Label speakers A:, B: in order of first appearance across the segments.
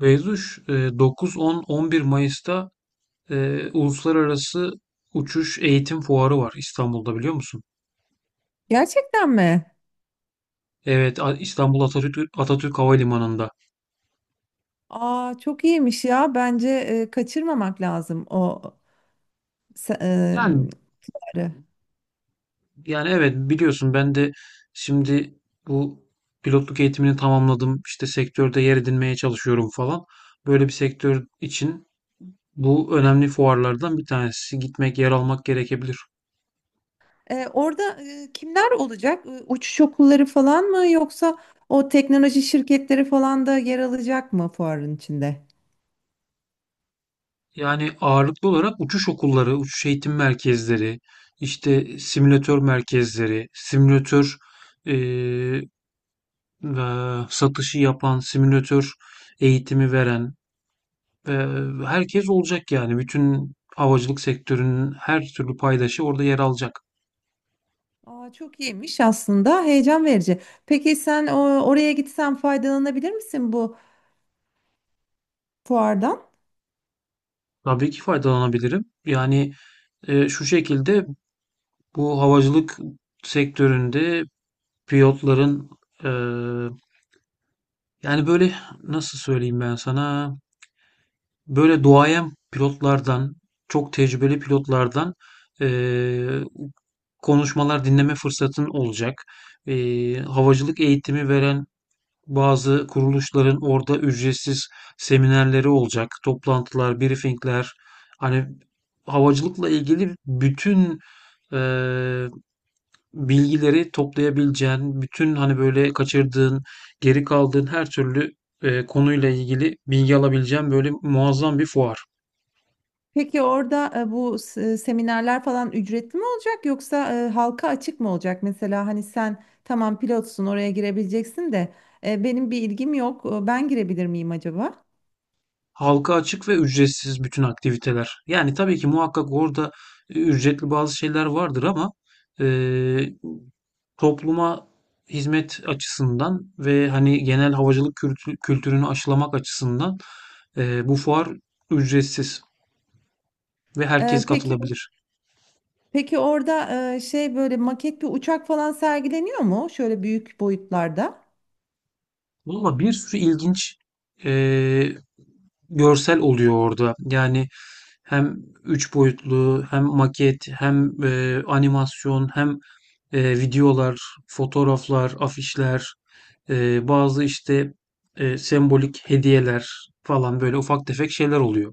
A: Beyzuş, 9, 10, 11 Mayıs'ta Uluslararası Uçuş Eğitim Fuarı var İstanbul'da biliyor musun?
B: Gerçekten mi?
A: Evet, İstanbul Atatürk, Atatürk Havalimanı'nda.
B: Aa çok iyiymiş ya. Bence kaçırmamak lazım o se- e,
A: Yani
B: bunları.
A: yani evet biliyorsun ben de şimdi bu pilotluk eğitimini tamamladım. İşte sektörde yer edinmeye çalışıyorum falan. Böyle bir sektör için bu önemli fuarlardan bir tanesi. Gitmek, yer almak gerekebilir.
B: Orada kimler olacak? Uçuş okulları falan mı yoksa o teknoloji şirketleri falan da yer alacak mı fuarın içinde?
A: Yani ağırlıklı olarak uçuş okulları, uçuş eğitim merkezleri, işte simülatör merkezleri, simülatör eee, ve satışı yapan, simülatör eğitimi veren ve herkes olacak yani. Bütün havacılık sektörünün her türlü paydaşı orada yer alacak.
B: Aa çok iyiymiş aslında. Heyecan verici. Peki sen o, oraya gitsen faydalanabilir misin bu fuardan?
A: Tabii ki faydalanabilirim. Yani şu şekilde bu havacılık sektöründe pilotların e, yani böyle nasıl söyleyeyim ben sana? Böyle duayen pilotlardan, çok tecrübeli pilotlardan eee, konuşmalar dinleme fırsatın olacak. Havacılık eğitimi veren bazı kuruluşların orada ücretsiz seminerleri olacak. Toplantılar, briefingler. Hani havacılıkla ilgili bütün eee, bilgileri toplayabileceğin, bütün hani böyle kaçırdığın, geri kaldığın her türlü konuyla ilgili bilgi alabileceğin böyle muazzam bir fuar.
B: Peki orada seminerler falan ücretli mi olacak yoksa halka açık mı olacak? Mesela hani sen tamam pilotsun oraya girebileceksin de benim bir ilgim yok. Ben girebilir miyim acaba?
A: Halka açık ve ücretsiz bütün aktiviteler. Yani tabii ki muhakkak orada ücretli bazı şeyler vardır ama e, topluma hizmet açısından ve hani genel havacılık kültürünü aşılamak açısından bu fuar ücretsiz ve
B: E,
A: herkes
B: Peki
A: katılabilir.
B: Peki, orada böyle maket bir uçak falan sergileniyor mu? Şöyle büyük boyutlarda.
A: Valla bir sürü ilginç eee, görsel oluyor orada. Yani hem üç boyutlu, hem maket, hem animasyon, hem videolar, fotoğraflar, afişler, bazı işte sembolik hediyeler falan böyle ufak tefek şeyler oluyor.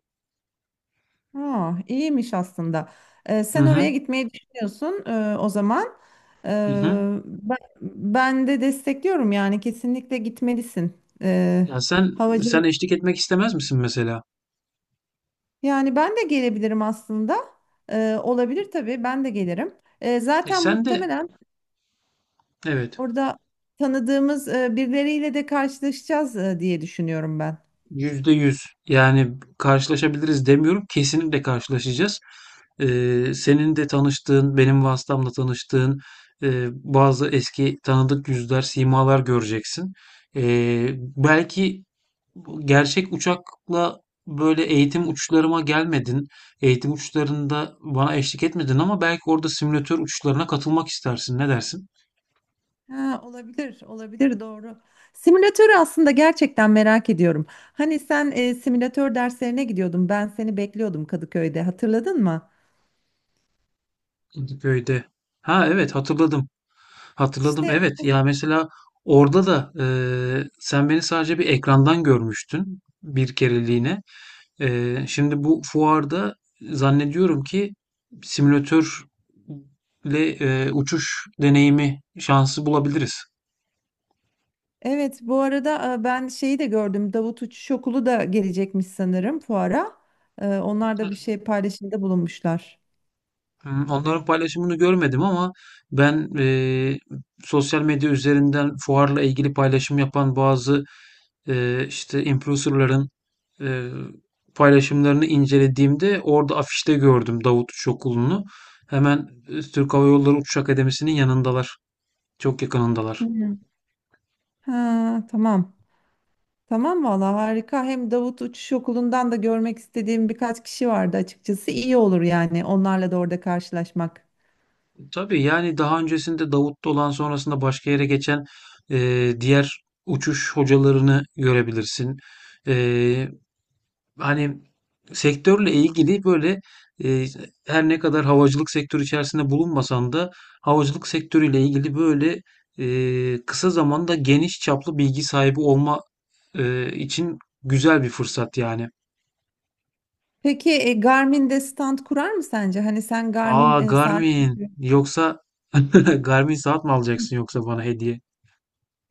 B: Ha, iyiymiş aslında.
A: Hı
B: Sen
A: hı,
B: oraya gitmeyi düşünüyorsun o zaman. E,
A: hı hı.
B: ben de destekliyorum yani kesinlikle gitmelisin.
A: Ya sen
B: Havacılık.
A: eşlik etmek istemez misin mesela?
B: Yani ben de gelebilirim aslında. Olabilir tabii ben de gelirim.
A: E
B: Zaten
A: sen de
B: muhtemelen
A: evet.
B: orada tanıdığımız birileriyle de karşılaşacağız diye düşünüyorum ben.
A: Yüzde yüz. Yani karşılaşabiliriz demiyorum. Kesinlikle karşılaşacağız. Senin de tanıştığın, benim vasıtamla tanıştığın bazı eski tanıdık yüzler, simalar göreceksin. Ee, Belki gerçek uçakla böyle eğitim uçlarıma gelmedin. Eğitim uçlarında bana eşlik etmedin ama belki orada simülatör uçlarına katılmak istersin. Ne dersin?
B: Ha, olabilir, olabilir doğru. Simülatörü aslında gerçekten merak ediyorum. Hani sen simülatör derslerine gidiyordun, ben seni bekliyordum Kadıköy'de, hatırladın mı?
A: İntiköy'de. Ha evet hatırladım. Hatırladım
B: İşte
A: evet.
B: o-
A: Ya mesela orada da sen beni sadece bir ekrandan görmüştün bir kereliğine. Şimdi bu fuarda zannediyorum ki simülatörle uçuş deneyimi şansı bulabiliriz.
B: evet, bu arada ben şeyi de gördüm, Davut Uçuş Okulu da gelecekmiş sanırım fuara. Onlar da bir şey paylaşımda bulunmuşlar.
A: Hmm, onların paylaşımını görmedim ama ben sosyal medya üzerinden fuarla ilgili paylaşım yapan bazı işte influencer'ların, eee, paylaşımlarını incelediğimde orada afişte gördüm Davut Uçuş Okulu'nu. Hemen, Türk Hava Yolları Uçuş Akademisi'nin yanındalar. Çok
B: Hı
A: yakınındalar.
B: hı. Ha, tamam. Tamam valla harika. Hem Davut Uçuş Okulu'ndan da görmek istediğim birkaç kişi vardı açıkçası. İyi olur yani onlarla da orada karşılaşmak.
A: Tabii, yani, daha öncesinde Davut'ta olan sonrasında başka yere geçen, diğer uçuş hocalarını görebilirsin. Eee Hani sektörle ilgili böyle e, her ne kadar havacılık sektörü içerisinde bulunmasan da havacılık sektörüyle ilgili böyle kısa zamanda geniş çaplı bilgi sahibi olma için güzel bir fırsat yani.
B: Peki Garmin'de stand kurar mı sence? Hani sen
A: Aa
B: Garmin saat...
A: Garmin yoksa Garmin saat mi alacaksın yoksa bana hediye?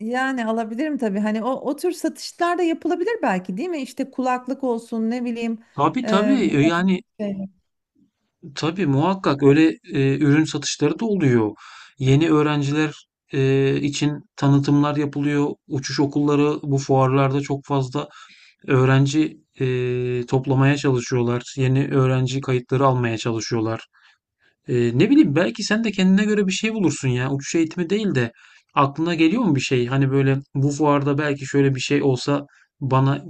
B: Yani alabilirim tabii. Hani o, o tür satışlar da yapılabilir belki değil mi? İşte kulaklık olsun ne bileyim.
A: Tabii tabii.
B: E, biraz şey.
A: Tabii muhakkak öyle ürün satışları da oluyor. Yeni öğrenciler için tanıtımlar yapılıyor. Uçuş okulları bu fuarlarda çok fazla öğrenci toplamaya çalışıyorlar. Yeni öğrenci kayıtları almaya çalışıyorlar. Ne bileyim belki sen de kendine göre bir şey bulursun ya. Uçuş eğitimi değil de aklına geliyor mu bir şey? Hani böyle bu fuarda belki şöyle bir şey olsa bana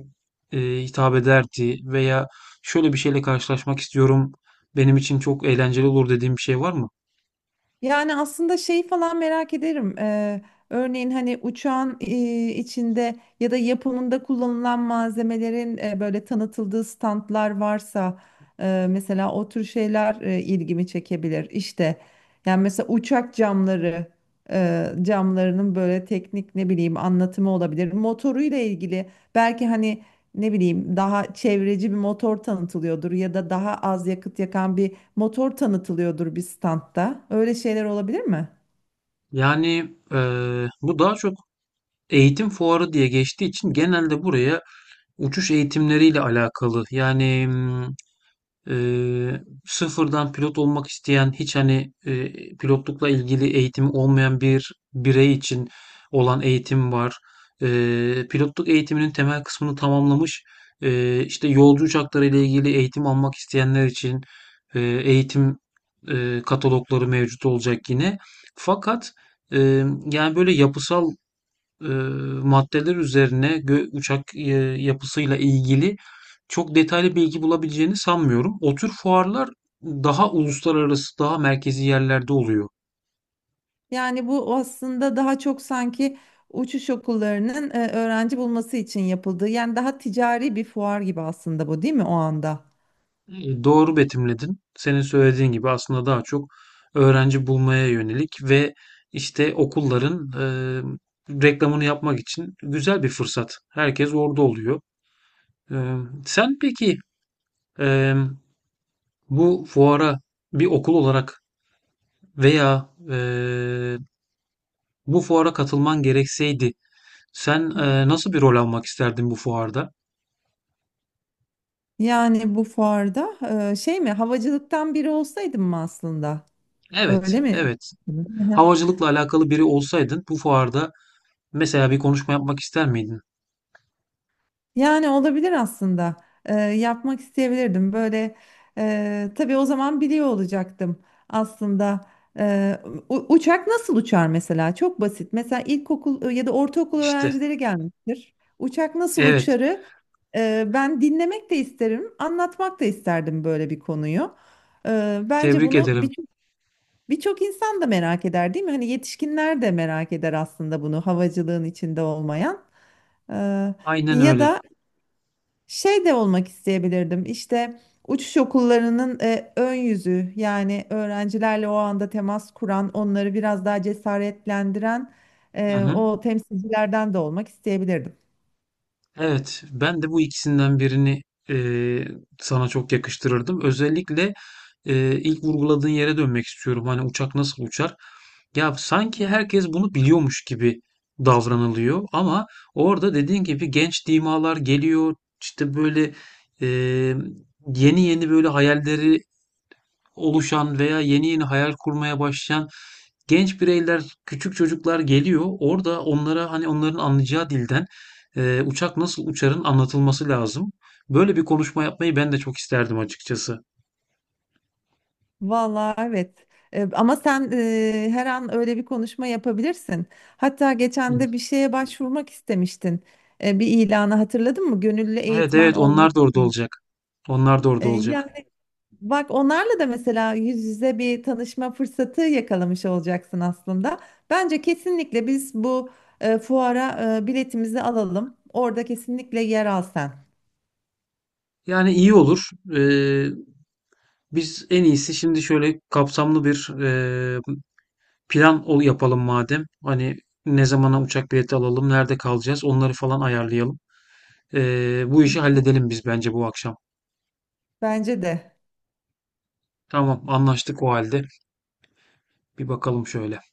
A: hitap ederdi veya şöyle bir şeyle karşılaşmak istiyorum. Benim için çok eğlenceli olur dediğim bir şey var mı?
B: Yani aslında şeyi falan merak ederim. Örneğin hani uçağın içinde ya da yapımında kullanılan malzemelerin böyle tanıtıldığı standlar varsa mesela o tür şeyler ilgimi çekebilir. İşte yani mesela uçak camlarının böyle teknik ne bileyim anlatımı olabilir. Motoruyla ilgili belki hani ne bileyim daha çevreci bir motor tanıtılıyordur ya da daha az yakıt yakan bir motor tanıtılıyordur bir standta. Öyle şeyler olabilir mi?
A: Yani bu daha çok eğitim fuarı diye geçtiği için genelde buraya uçuş eğitimleriyle alakalı. Sıfırdan pilot olmak isteyen hiç hani pilotlukla ilgili eğitimi olmayan bir birey için olan eğitim var. Pilotluk eğitiminin temel kısmını tamamlamış işte yolcu uçakları ile ilgili eğitim almak isteyenler için eğitim katalogları mevcut olacak yine. Fakat e, yani böyle yapısal eee, maddeler üzerine uçak yapısıyla ilgili çok detaylı bilgi bulabileceğini sanmıyorum. O tür fuarlar daha uluslararası, daha merkezi yerlerde oluyor.
B: Yani bu aslında daha çok sanki uçuş okullarının öğrenci bulması için yapıldığı, yani daha ticari bir fuar gibi aslında bu, değil mi o anda?
A: Doğru betimledin. Senin söylediğin gibi aslında daha çok öğrenci bulmaya yönelik ve işte okulların reklamını yapmak için güzel bir fırsat. Herkes orada oluyor. E, Sen peki e, bu fuara bir okul olarak veya bu fuara katılman gerekseydi sen,
B: Hı hı.
A: nasıl bir rol almak isterdin bu fuarda?
B: Yani bu fuarda e, şey mi havacılıktan biri olsaydım mı aslında? Öyle
A: Evet,
B: mi?
A: evet.
B: Hı.
A: Havacılıkla alakalı biri olsaydın bu fuarda mesela bir konuşma yapmak ister miydin?
B: Yani olabilir aslında. Yapmak isteyebilirdim. Böyle tabii o zaman biliyor olacaktım aslında. Ee, Uçak nasıl uçar mesela? Çok basit. Mesela ilkokul ya da ortaokul
A: İşte.
B: öğrencileri gelmiştir. Uçak nasıl
A: Evet.
B: uçarı ben dinlemek de isterim, anlatmak da isterdim böyle bir konuyu. Bence
A: Tebrik
B: bunu
A: ederim.
B: birçok insan da merak eder, değil mi? Hani yetişkinler de merak eder aslında bunu havacılığın içinde olmayan. Ee,
A: Aynen
B: Ya
A: öyle.
B: da şey de olmak isteyebilirdim. İşte uçuş okullarının ön yüzü yani öğrencilerle o anda temas kuran, onları biraz daha cesaretlendiren
A: Hı hı.
B: o temsilcilerden de olmak isteyebilirdim.
A: Evet. Ben de bu ikisinden birini, eee, sana çok yakıştırırdım. Özellikle, ilk vurguladığın yere dönmek istiyorum. Hani uçak nasıl uçar? Ya sanki herkes bunu biliyormuş gibi davranılıyor ama orada dediğin gibi genç dimalar geliyor işte böyle e, yeni yeni böyle hayalleri oluşan veya yeni yeni hayal kurmaya başlayan genç bireyler küçük çocuklar geliyor orada onlara hani onların anlayacağı dilden uçak nasıl uçarın anlatılması lazım. Böyle bir konuşma yapmayı ben de çok isterdim açıkçası.
B: Vallahi evet. Ama sen her an öyle bir konuşma yapabilirsin. Hatta
A: Hı.
B: geçen de bir şeye başvurmak istemiştin. Bir ilanı hatırladın mı? Gönüllü
A: Evet
B: eğitmen
A: evet
B: olmak
A: onlar da orada
B: için.
A: olacak. Onlar da
B: E,
A: orada olacak.
B: yani Bak onlarla da mesela yüz yüze bir tanışma fırsatı yakalamış olacaksın aslında. Bence kesinlikle biz bu fuara biletimizi alalım. Orada kesinlikle yer al sen.
A: Yani iyi olur. Ee, Biz en iyisi şimdi şöyle kapsamlı bir plan yapalım madem. Hani ne zamana uçak bileti alalım, nerede kalacağız, onları falan ayarlayalım. Bu
B: Hı hı.
A: işi halledelim biz bence bu akşam.
B: Bence de.
A: Tamam, anlaştık o halde. Bir bakalım şöyle.